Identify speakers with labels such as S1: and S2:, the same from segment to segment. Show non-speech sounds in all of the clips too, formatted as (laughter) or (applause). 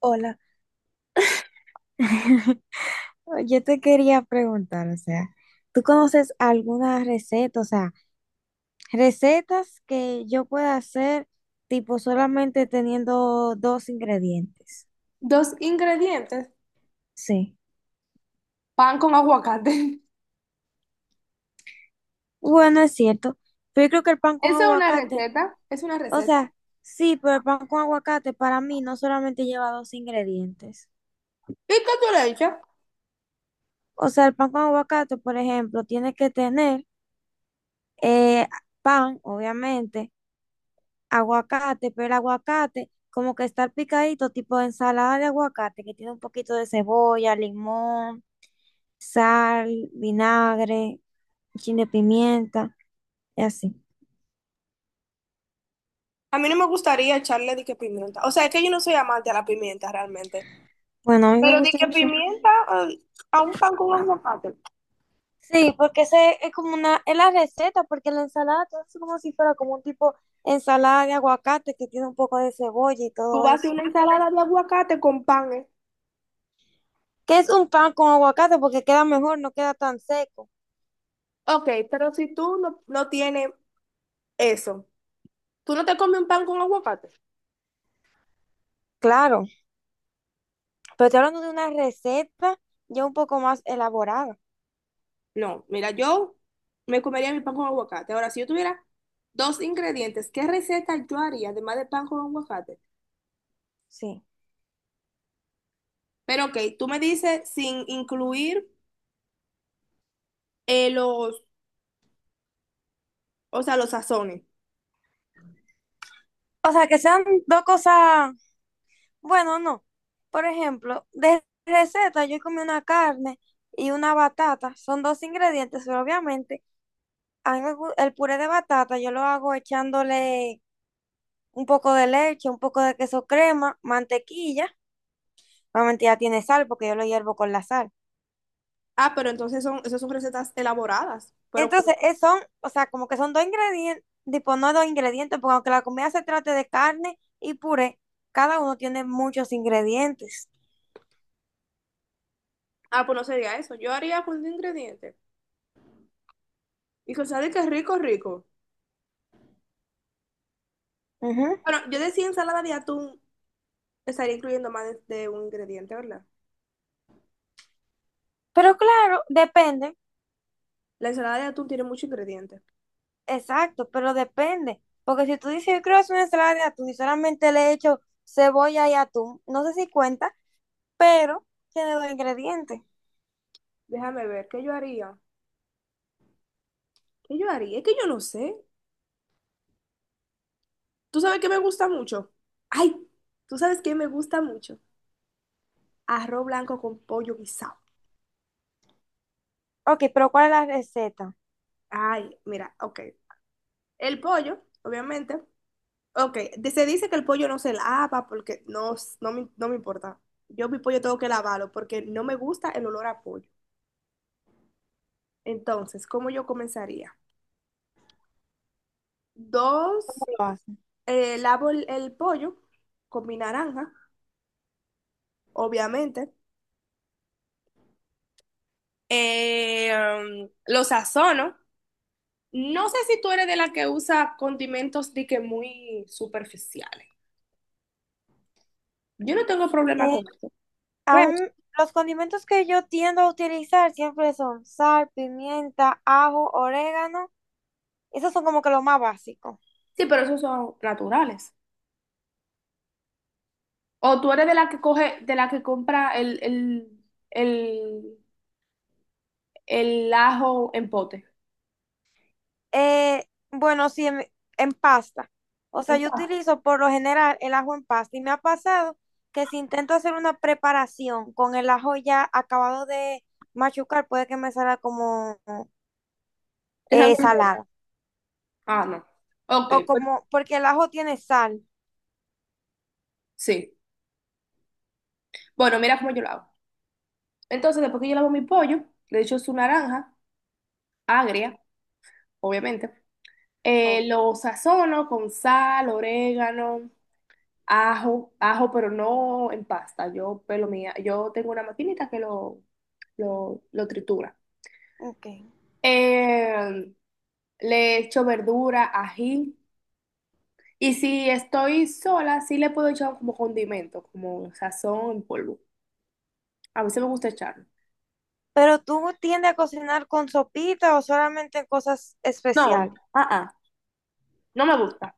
S1: Hola, oh, yo te quería preguntar, o sea, ¿tú conoces alguna receta, o sea, recetas que yo pueda hacer tipo solamente teniendo dos ingredientes?
S2: Dos ingredientes.
S1: Sí.
S2: Pan con aguacate. (laughs)
S1: Bueno, es cierto, pero yo creo que el pan con
S2: Esa es una
S1: aguacate,
S2: receta. Es una
S1: o
S2: receta.
S1: sea, sí, pero el pan con aguacate para mí no solamente lleva dos ingredientes.
S2: ¿Y qué tú le echas?
S1: O sea, el pan con aguacate, por ejemplo, tiene que tener eh, pan, obviamente aguacate, pero el aguacate como que está picadito, tipo ensalada de aguacate, que tiene un poquito de cebolla, limón, sal, vinagre, un chin de pimienta y así.
S2: A mí no me gustaría echarle de que pimienta. O sea, es que yo no soy amante a la pimienta realmente.
S1: Bueno, a mí me
S2: Pero de
S1: gusta
S2: que
S1: mucho.
S2: pimienta eh, a un pan con aguacate.
S1: Sí, porque ese es como una, es la receta, porque la ensalada todo es como si fuera como un tipo ensalada de aguacate que tiene un poco de cebolla y
S2: Tú
S1: todo
S2: vas a hacer
S1: eso.
S2: una ensalada de aguacate con pan, ¿eh?
S1: Que es un pan con aguacate porque queda mejor, no queda tan seco.
S2: Ok, pero si tú no tienes eso, ¿tú no te comes un pan con aguacate?
S1: Claro. Pero estoy hablando de una receta ya un poco más elaborada,
S2: No, mira, yo me comería mi pan con aguacate. Ahora, si yo tuviera dos ingredientes, ¿qué receta yo haría además de pan con aguacate?
S1: sí.
S2: Pero ok, tú me dices sin incluir eh, los, o sea, los sazones.
S1: O sea, que sean dos cosas, bueno, no. Por ejemplo, de receta yo comí una carne y una batata, son dos ingredientes, pero obviamente a mí el puré de batata yo lo hago echándole un poco de leche, un poco de queso crema, mantequilla. Obviamente ya tiene sal porque yo lo hiervo con la sal.
S2: Ah, pero entonces esas son recetas elaboradas. Pero,
S1: Entonces, son, o sea, como que son dos ingredientes, tipo, no dos ingredientes, porque aunque la comida se trate de carne y puré, cada uno tiene muchos ingredientes.
S2: ah, pues no sería eso. Yo haría con un ingrediente. Y que sabe que es rico, rico.
S1: Ujú.
S2: Bueno, yo decía ensalada de atún, estaría incluyendo más de un ingrediente, ¿verdad?
S1: Pero claro, depende,
S2: La ensalada de atún tiene muchos ingredientes.
S1: exacto, pero depende. Porque si tú dices, yo quiero hacer una ensalada de atún y solamente le echo cebolla y atún, no sé si cuenta, pero tiene dos ingredientes.
S2: Déjame ver, ¿qué yo haría? ¿Qué yo haría? Es que yo no sé. ¿Tú sabes qué me gusta mucho? Ay, ¿tú sabes qué me gusta mucho? Arroz blanco con pollo guisado.
S1: Ok, pero ¿cuál es la receta?
S2: Ay, mira, ok. El pollo, obviamente. Ok, se dice que el pollo no se lava porque no, no me importa. Yo mi pollo tengo que lavarlo porque no me gusta el olor a pollo. Entonces, ¿cómo yo comenzaría?
S1: ¿Cómo
S2: Dos,
S1: lo hacen?
S2: lavo el pollo con mi naranja, obviamente. Lo sazono. No sé si tú eres de la que usa condimentos de que muy superficiales. Yo no tengo problema
S1: Eh,
S2: con eso. Pero,
S1: aún los condimentos que yo tiendo a utilizar siempre son sal, pimienta, ajo, orégano. Esos son como que los más básicos.
S2: sí, pero esos son naturales. O tú eres de la que compra el, el ajo en pote.
S1: Eh, bueno, sí, en pasta. O sea, yo
S2: Exacto.
S1: utilizo por lo general el ajo en pasta y me ha pasado que si intento hacer una preparación con el ajo ya acabado de machucar, puede que me salga como
S2: ¿Te sale entero?
S1: salada.
S2: Ah, no. Ok,
S1: O
S2: pues
S1: como, porque el ajo tiene sal.
S2: sí. Bueno, mira cómo yo lo hago. Entonces, después que yo lavo mi pollo, le echo su naranja, agria, obviamente.
S1: Obvio.
S2: Lo sazono con sal, orégano, ajo, ajo, pero no en pasta. Yo tengo una maquinita que lo tritura.
S1: Ok.
S2: Eh, Le echo verdura, ají. Y si estoy sola, sí le puedo echar como condimento, como sazón en polvo. A veces me gusta echarlo.
S1: Pero tú tiendes a cocinar con sopita o solamente en cosas
S2: No,
S1: especiales.
S2: ah, ah, no me gusta.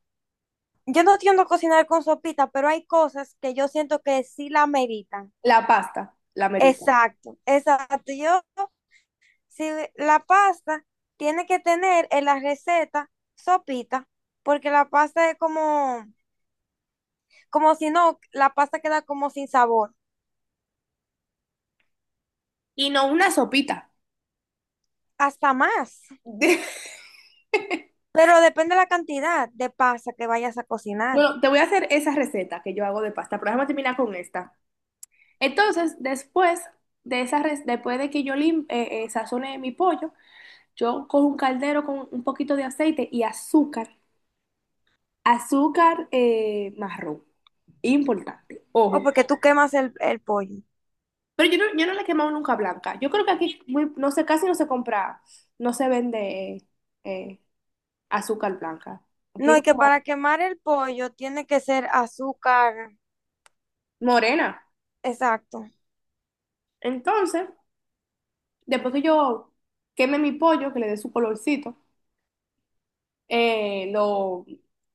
S1: Yo no tiendo a cocinar con sopita, pero hay cosas que yo siento que sí la meritan.
S2: La pasta, la merito.
S1: Exacto, exacto. Yo Si le- la pasta tiene que tener en la receta sopita, porque la pasta es como si no, la pasta queda como sin sabor,
S2: Y no una sopita.
S1: hasta más.
S2: (laughs)
S1: Pero depende de la cantidad de pasta que vayas a cocinar
S2: Bueno, te voy a hacer esa receta que yo hago de pasta, pero déjame terminar con esta. Entonces, después de que yo lim sazone mi pollo, yo cojo un caldero con un poquito de aceite y azúcar. Azúcar, marrón, importante,
S1: o
S2: ojo.
S1: porque tú quemas el pollo.
S2: Pero yo no le he quemado nunca blanca. Yo creo que aquí no sé, casi no se compra, no se vende eh, azúcar blanca. Aquí
S1: No,
S2: es
S1: y que
S2: como
S1: para quemar el pollo tiene que ser azúcar,
S2: morena.
S1: exacto.
S2: Entonces, después que yo queme mi pollo, que le dé su colorcito, Eh, lo,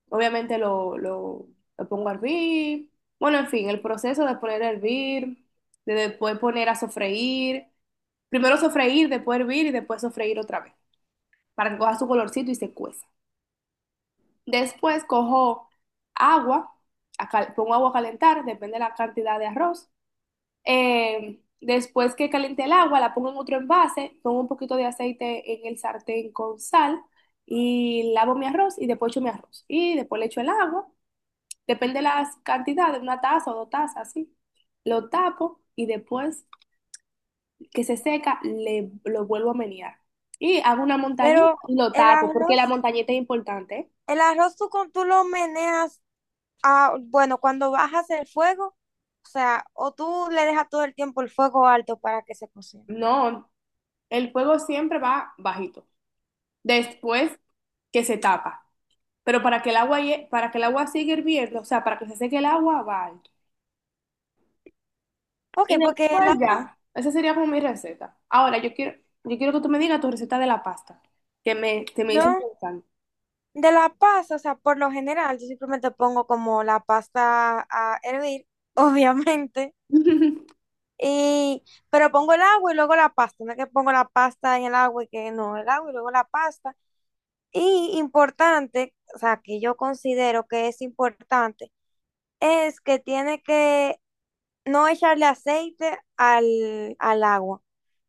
S2: obviamente lo pongo a hervir. Bueno, en fin, el proceso de poner a hervir, de después poner a sofreír. Primero sofreír, después hervir y después sofreír otra vez para que coja su colorcito y se cueza. Después cojo agua, pongo agua a calentar, depende de la cantidad de arroz. Después que caliente el agua, la pongo en otro envase, pongo un poquito de aceite en el sartén con sal y lavo mi arroz y después echo mi arroz. Y después le echo el agua, depende de las cantidades, una taza o dos tazas, así. Lo tapo y después que se seca, lo vuelvo a menear. Y hago una montañita
S1: Pero
S2: y lo
S1: el
S2: tapo, porque la
S1: arroz,
S2: montañita es importante. ¿Eh?
S1: el arroz tú lo meneas. Ah, bueno, cuando bajas el fuego, o sea, o tú le dejas todo el tiempo el fuego alto para que se cocine.
S2: No, el fuego siempre va bajito. Después que se tapa. Pero para que el agua, para que el agua siga hirviendo, o sea, para que se seque el agua, va alto.
S1: Ok,
S2: Y
S1: porque el
S2: después
S1: agua,
S2: ya, esa sería como mi receta. Ahora, yo quiero que tú me digas tu receta de la pasta, que me dicen
S1: yo
S2: pensando.
S1: de la pasta, o sea, por lo general, yo simplemente pongo como la pasta a hervir, (laughs) obviamente,
S2: (laughs)
S1: y, pero pongo el agua y luego la pasta, no es que pongo la pasta en el agua y que no, el agua y luego la pasta. Y importante, o sea, que yo considero que es importante, es que tiene que no echarle aceite al agua.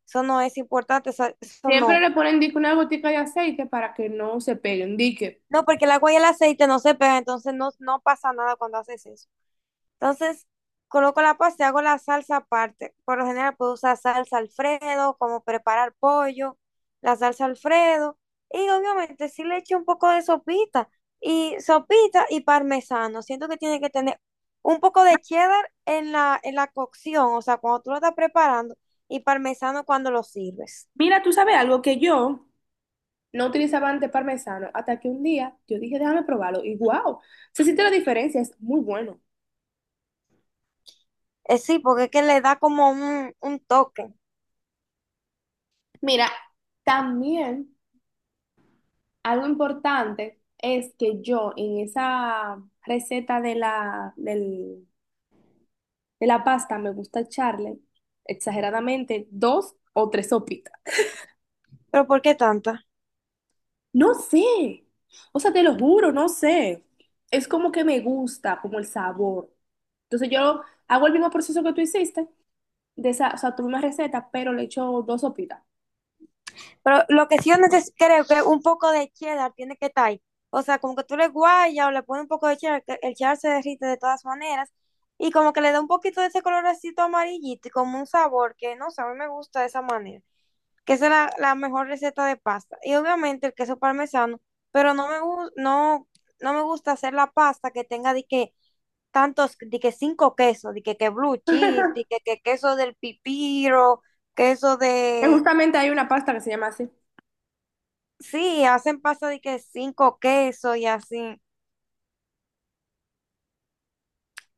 S1: Eso no es importante, eso
S2: Siempre
S1: no.
S2: le ponen dique una gotica de aceite para que no se peguen. Dique,
S1: No, porque el agua y el aceite no se pegan, entonces no, no pasa nada cuando haces eso. Entonces, coloco la pasta y hago la salsa aparte. Por lo general puedo usar salsa Alfredo, como preparar pollo, la salsa Alfredo. Y obviamente sí le echo un poco de sopita. Y sopita y parmesano. Siento que tiene que tener un poco de cheddar en la cocción, o sea, cuando tú lo estás preparando, y parmesano cuando lo sirves.
S2: mira, tú sabes algo que yo no utilizaba antes parmesano, hasta que un día yo dije, déjame probarlo. Y wow, se siente la diferencia, es muy bueno.
S1: Sí, porque es que le da como un toque.
S2: Mira, también. Algo importante es que yo en esa receta de la, de la pasta me gusta echarle exageradamente dos o tres sopitas.
S1: Pero ¿por qué tanta?
S2: No sé, o sea, te lo juro, no sé. Es como que me gusta, como el sabor. Entonces yo hago el mismo proceso que tú hiciste, o sea, tu misma receta, pero le echo dos sopitas.
S1: Pero lo que sí creo que un poco de cheddar tiene que estar ahí. O sea, como que tú le guayas o le pones un poco de cheddar, que el cheddar se derrite de todas maneras. Y como que le da un poquito de ese colorcito amarillito y como un sabor que, no sé, a mí me gusta de esa manera. Que esa es la mejor receta de pasta. Y obviamente el queso parmesano, pero no me gusta hacer la pasta que tenga de que tantos, de que cinco quesos, de que blue cheese, de
S2: (laughs)
S1: que queso del pipiro, queso
S2: Que
S1: de.
S2: justamente hay una pasta que se llama así.
S1: Sí, hacen pasta de que cinco quesos y así.